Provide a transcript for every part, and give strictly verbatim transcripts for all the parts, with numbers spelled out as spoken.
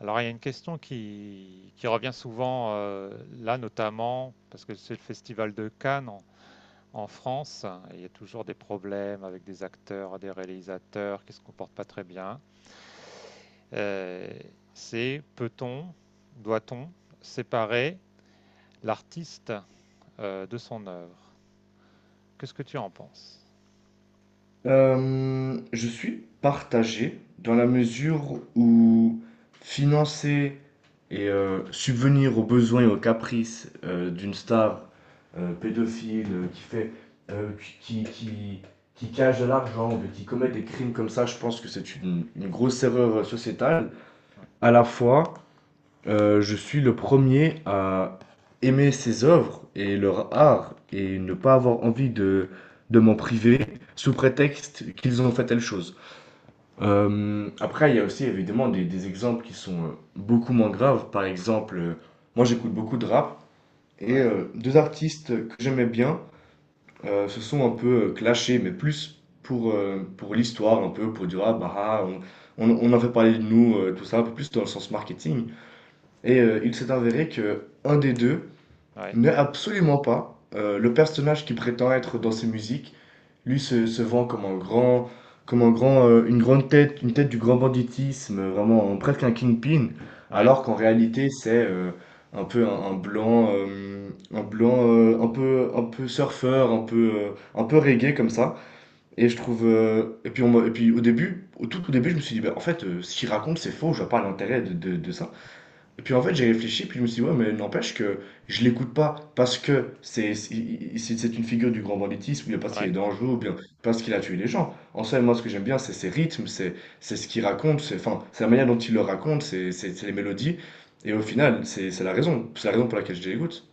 Alors, il y a une question qui, qui revient souvent euh, là, notamment parce que c'est le festival de Cannes en, en France, hein, et il y a toujours des problèmes avec des acteurs, des réalisateurs qui ne se comportent pas très bien. Euh, c'est peut-on, doit-on séparer l'artiste euh, de son œuvre? Qu'est-ce que tu en penses? Euh, je suis partagé dans la mesure où financer et euh, subvenir aux besoins et aux caprices euh, d'une star euh, pédophile euh, qui fait euh, qui, qui, qui- qui cache de l'argent, ou qui commet des crimes comme ça, je pense que c'est une, une grosse erreur euh, sociétale. À la fois, euh, je suis le premier à aimer ces œuvres et leur art et ne pas avoir envie de, de m'en priver sous prétexte qu'ils ont fait telle chose. Euh, après, il y a aussi évidemment des, des exemples qui sont euh, beaucoup moins graves. Par exemple, euh, moi j'écoute beaucoup de rap et Ouais, euh, deux artistes que j'aimais bien euh, se sont un peu euh, clashés, mais plus pour, euh, pour l'histoire, un peu pour dire ah bah ah, on, on, on en fait parler de nous, euh, tout ça, un peu plus dans le sens marketing. Et euh, il s'est avéré que un des deux ouais, n'est absolument pas euh, le personnage qui prétend être dans ses musiques. Lui se, se vend comme un grand, comme un grand, euh, une grande tête, une tête du grand banditisme, euh, vraiment un- presque un kingpin, ouais, alors qu'en réalité c'est euh, un peu un, un blanc, euh, un blanc, euh, un peu, un peu surfeur, un peu, euh, un peu reggae comme ça. Et je trouve, euh, et puis on m'a- et puis au début, au tout, au début, je me suis dit, bah, en fait, euh, ce qu'il raconte c'est faux, je vois pas l'intérêt de, de de ça. Et puis en fait, j'ai réfléchi, puis je me suis dit, ouais, mais n'empêche que je l'écoute pas parce que c'est c'est c'est- c'est une figure du grand banditisme, ou bien parce qu'il est ouais. dangereux, ou bien parce qu'il a tué les gens. En soi, moi, ce que j'aime bien, c'est ses rythmes, c'est c'est ce qu'il raconte, c'est enfin, c'est la manière dont il le raconte, c'est c'est- c'est les mélodies. Et au final, c'est c'est la raison, c'est la raison pour laquelle je l'écoute.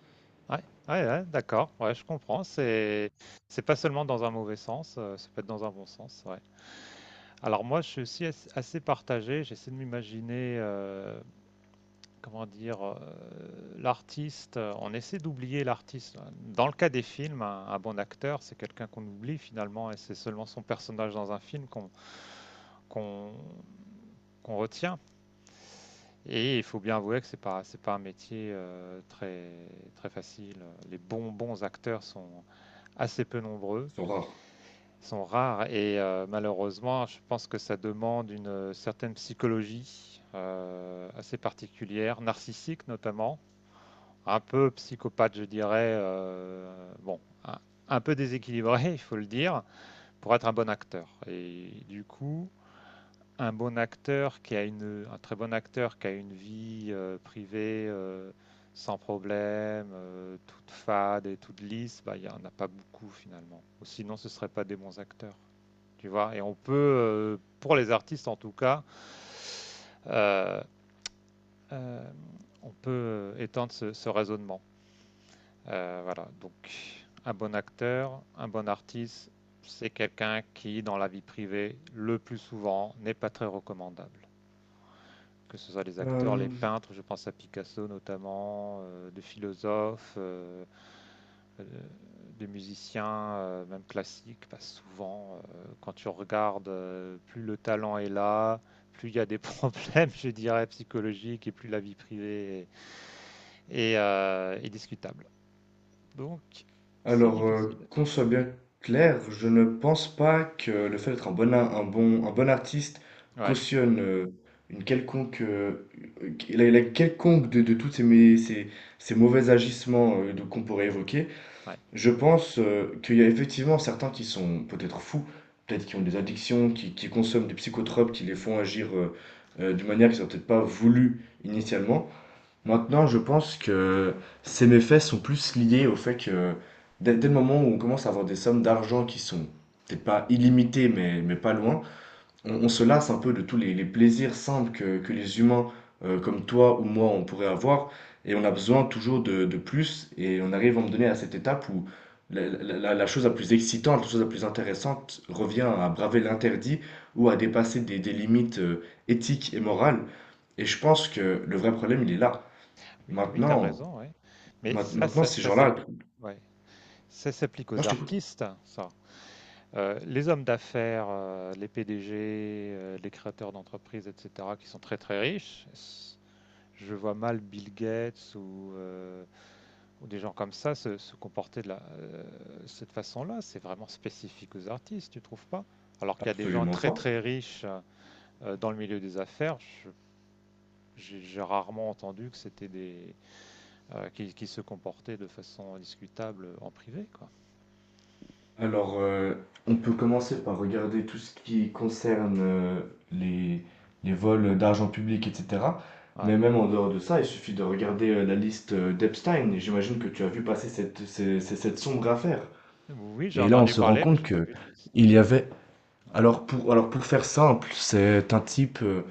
Ouais, ouais, ouais, d'accord, ouais, je comprends. C'est, c'est pas seulement dans un mauvais sens, euh, ça peut être dans un bon sens, ouais. Alors moi, je suis aussi as- assez partagé. J'essaie de m'imaginer, euh, comment dire, euh, l'artiste. euh, On essaie d'oublier l'artiste. Dans le cas des films, un, un bon acteur, c'est quelqu'un qu'on oublie finalement, et c'est seulement son personnage dans un film qu'on qu'on qu'on retient. Et il faut bien avouer que c'est pas c'est pas un métier euh, très très facile. Les bons bons acteurs sont assez peu nombreux. C'est rare. Sont rares et euh, malheureusement, je pense que ça demande une euh, certaine psychologie euh, assez particulière, narcissique notamment, un peu psychopathe, je dirais, euh, bon, un, un peu déséquilibré, il faut le dire, pour être un bon acteur. Et du coup, un bon acteur qui a une, un très bon acteur qui a une vie euh, privée euh, sans problème, euh, toute fade et toute lisse, bah, il n'y en a pas beaucoup finalement. Sinon, ce ne seraient pas des bons acteurs. Tu vois. Et on peut, euh, pour les artistes en tout cas, euh, euh, on peut euh, étendre ce, ce raisonnement. Euh, voilà. Donc, un bon acteur, un bon artiste, c'est quelqu'un qui, dans la vie privée, le plus souvent, n'est pas très recommandable, que ce soit les acteurs, les peintres, je pense à Picasso notamment, euh, de philosophes, euh, euh, de musiciens, euh, même classiques, bah, souvent, euh, quand tu regardes, euh, plus le talent est là, plus il y a des problèmes, je dirais, psychologiques, et plus la vie privée est, est, euh, est discutable. Donc, c'est Alors, euh, difficile. qu'on soit bien clair, je ne pense pas que le fait d'être un bon, a- un bon, un bon artiste Ouais, cautionne euh, une quelconque, euh, la, la quelconque de, de toutes ces, mé- ces, ces mauvais agissements euh, de- qu'on pourrait évoquer. ouais. Je pense euh, qu'il y a effectivement certains qui sont peut-être fous, peut-être qui ont des addictions, qui, qui consomment des psychotropes, qui les font agir euh, euh, d'une manière qu'ils n'ont peut-être pas voulu initialement. Maintenant, je pense que ces méfaits sont plus liés au fait que dès, dès le moment où on commence à avoir des sommes d'argent qui sont peut-être pas illimitées, mais, mais pas loin, on, on se lasse un peu de tous les, les plaisirs simples que, que les humains euh, comme toi ou moi on pourrait avoir, et on a besoin toujours de, de plus, et on arrive à me donner à cette étape où la, la- la- la chose la plus excitante, la chose la plus intéressante revient à braver l'interdit ou à dépasser des, des limites euh, éthiques et morales. Et je pense que le vrai problème, il est là. Oui, oui, tu as Maintenant, raison, ouais. Mais ma- ça, maintenant ça, ces ça gens-là, s'applique. Ouais. Ça s'applique moi aux je t'écoute. artistes, ça. Euh, les hommes d'affaires, euh, les P D G, euh, les créateurs d'entreprises, et cetera, qui sont très très riches, s- je vois mal Bill Gates ou, euh, ou des gens comme ça se, se comporter de la, euh, cette façon-là. C'est vraiment spécifique aux artistes, tu trouves pas? Alors qu'il y a des gens Absolument très pas. très riches euh, dans le milieu des affaires, je- j'ai j'ai rarement entendu que c'était des euh, qui, qui se comportaient de façon discutable en privé, quoi. Alors, euh, on peut commencer par regarder tout ce qui concerne euh, les, les vols d'argent public, et cetera. Ouais. Mais même en dehors de ça, il suffit de regarder euh, la liste euh, d'Epstein. Et j'imagine que tu as vu passer cette, ces- ces- cette sombre affaire. Oui, j'ai Et là, on entendu se rend parler, mais compte j'ai pas que vu de liste. il y avait. Alors pour, alors pour faire simple, c'est un type euh,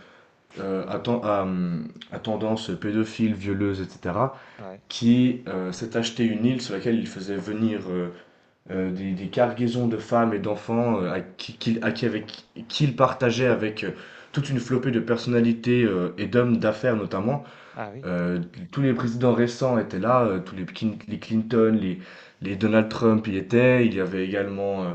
euh, à, ten- à, hum, à tendance pédophile, violeuse, etc Ouais. Ouais. qui euh, s'est acheté une île sur laquelle il faisait venir euh, euh, des, des cargaisons de femmes et d'enfants euh, à qui, qu'il- à qui avec, qui il partageait avec euh, toute une flopée de personnalités euh, et d'hommes d'affaires notamment. Ah oui. Euh, Tous les présidents récents étaient là, euh, tous les, Clin- les Clinton, les, les Donald Trump y étaient, il y avait également… euh,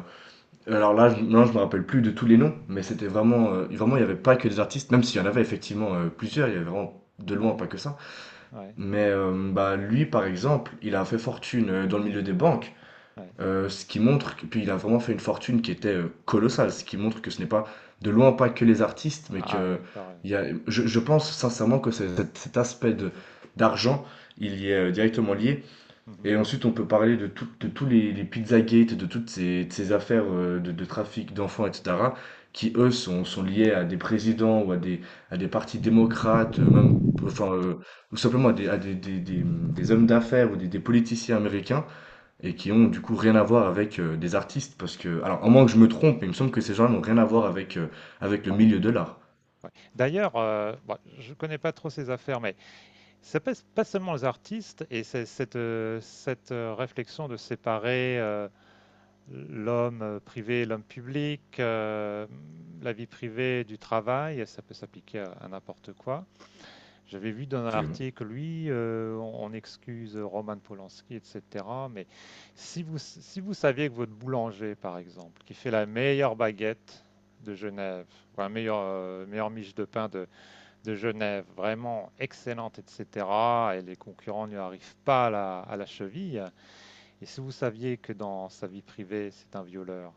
alors là, je, non, je me rappelle plus de tous les noms, mais c'était vraiment… euh, vraiment, il n'y avait pas que des artistes, même s'il y en avait effectivement euh, plusieurs, il y avait vraiment de loin Ouais. pas que ça. Ouais, Mais euh, bah, lui, par exemple, il a fait fortune euh, dans le milieu des banques, ouais. euh, ce qui montre que, puis il a vraiment fait une fortune qui était euh, colossale, ce qui montre que ce n'est pas de loin pas que les artistes, mais Ah que ouais, t'as raison, il y a, ouais. je, je pense sincèrement que c'est- cet, cet aspect de d'argent, il y est euh, directement lié. Mhm. Et ensuite, on peut parler de, tout- de tous les, les Pizzagate, de toutes ces, de ces affaires euh, de, de trafic d'enfants, et cetera, qui, eux, sont, sont liés à des présidents ou à des, à des partis démocrates, euh, même, enfin, euh, ou simplement à des, à des, des, des- des hommes d'affaires ou des, des politiciens américains, et qui ont du coup rien à voir avec euh, des artistes, parce que, alors, à moins que je me trompe, mais il me semble que ces gens-là n'ont rien à voir avec, euh, avec le Ouais, milieu de l'art. ouais. D'ailleurs, euh, bon, je connais pas trop ces affaires, mais ça passe pas seulement les artistes et c'est cette, euh, cette euh, réflexion de séparer euh, l'homme privé et l'homme public, euh, la vie privée du travail, ça peut s'appliquer à, à n'importe quoi. J'avais vu dans un Absolument, article, lui, euh, on, on excuse Roman Polanski, et cetera. Mais si vous, si vous saviez que votre boulanger, par exemple, qui fait la meilleure baguette de Genève, ou la meilleure, euh, meilleure miche de pain de, de Genève, vraiment excellente, et cetera, et les concurrents ne lui arrivent pas à la, à la cheville, et si vous saviez que dans sa vie privée, c'est un violeur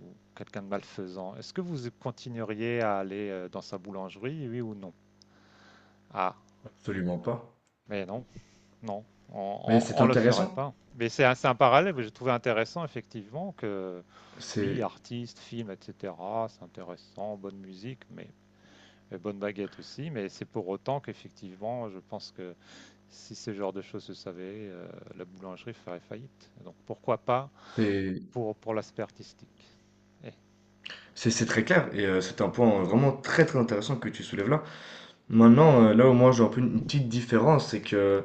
ou quelqu'un de malfaisant, est-ce que vous continueriez à aller euh, dans sa boulangerie, oui ou non? Ah, absolument pas. mais non. Non, Mais c'est on ne le ferait intéressant. pas. Mais c'est un, c'est un parallèle que j'ai trouvé intéressant, effectivement, que oui, C'est, artistes, films, et cetera, c'est intéressant, bonne musique, mais et bonne baguette aussi, mais c'est pour autant qu'effectivement, je pense que si ce genre de choses se savait, euh, la boulangerie ferait faillite. Donc pourquoi pas c'est, pour, pour l'aspect artistique. Eh, C'est c'est très clair et euh, c'est un point euh, vraiment très très intéressant que tu soulèves là. Maintenant, euh, là où moi j'ai un peu une une petite différence, c'est que,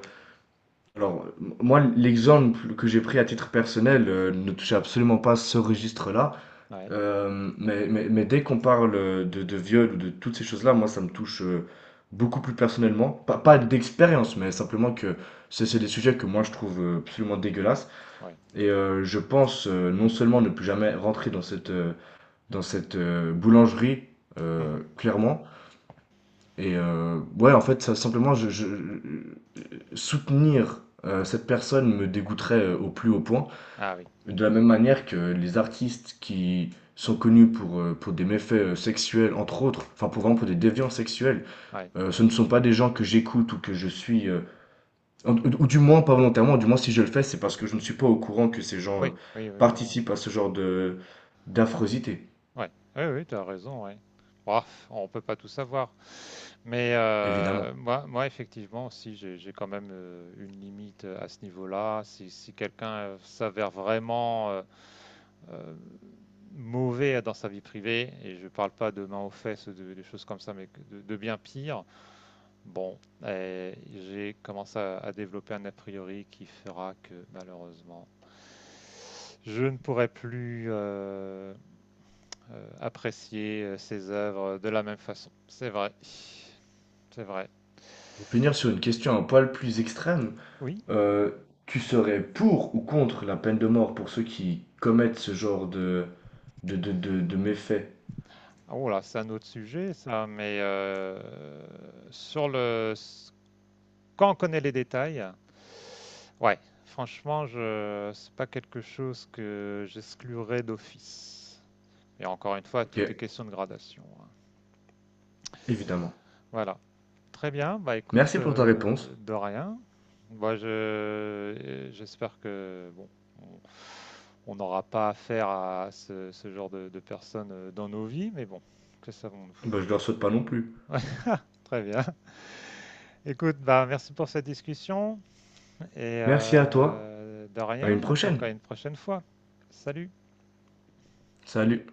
alors, m- moi l'exemple que j'ai pris à titre personnel euh, ne touchait absolument pas ce registre-là. ouais. Euh, mais, mais, mais dès qu'on parle euh, de, de viol ou de toutes ces choses-là, moi ça me touche euh, beaucoup plus personnellement. Pas, pas Ah bon? d'expérience, mais simplement Mhm. que c'est c'est des sujets que moi je trouve euh, absolument dégueulasses Ouais. et euh, je pense euh, non seulement ne plus jamais rentrer dans cette… euh, dans cette euh, boulangerie, euh, Mhm. clairement. Et euh, ouais, en fait, ça, simplement, je, je- soutenir euh, cette personne me dégoûterait euh, au plus haut point. Ah oui. De la même manière que les artistes qui sont connus pour, euh, pour des méfaits euh, sexuels, entre autres, enfin pour vraiment pour des déviants sexuels, Ouais. euh, ce ne sont pas des gens que j'écoute ou que je suis, euh, en- ou ou du moins pas volontairement, du moins si je le fais, c'est parce que je ne suis pas au courant que ces gens euh, Oui, oui, oui, voilà. Ouais. participent à ce genre de d'affreusité, Ouais, oui, oui, tu as raison, ouais. Ouah, on peut pas tout savoir. Mais euh, évidemment. moi, moi, effectivement, si j'ai j'ai quand même euh, une limite euh, à ce niveau-là, si, si quelqu'un euh, s'avère vraiment euh, euh, mauvais dans sa vie privée, et je parle pas de main aux fesses, de, des choses comme ça, mais que de, de bien pire, bon, euh, j'ai commencé à, à développer un a priori qui fera que malheureusement, je ne pourrai plus euh, euh, apprécier euh, ses œuvres de la même façon. C'est vrai, c'est vrai. Pour finir sur une question un poil plus extrême, Oui. euh, tu serais pour ou contre la peine de mort pour ceux qui commettent ce genre de, de, de, de, de méfaits? Oh là, c'est un autre sujet, ça, mais euh, sur le... quand on connaît les détails, ouais, franchement, je... c'est pas quelque chose que j'exclurais d'office. Et encore une fois, Ok, tout est question de gradation, hein. évidemment. Voilà. Très bien, bah écoute, Merci pour ta euh, réponse. de rien. Moi, je, j'espère que bon, on on n'aura pas affaire à ce, ce genre de, de personnes euh, dans nos vies, mais bon, que savons-nous? Bah, je leur souhaite pas non plus. Très bien. Écoute, bah merci pour cette discussion et Merci à toi. euh, de À une rien. Donc prochaine. à une prochaine fois. Salut. Salut.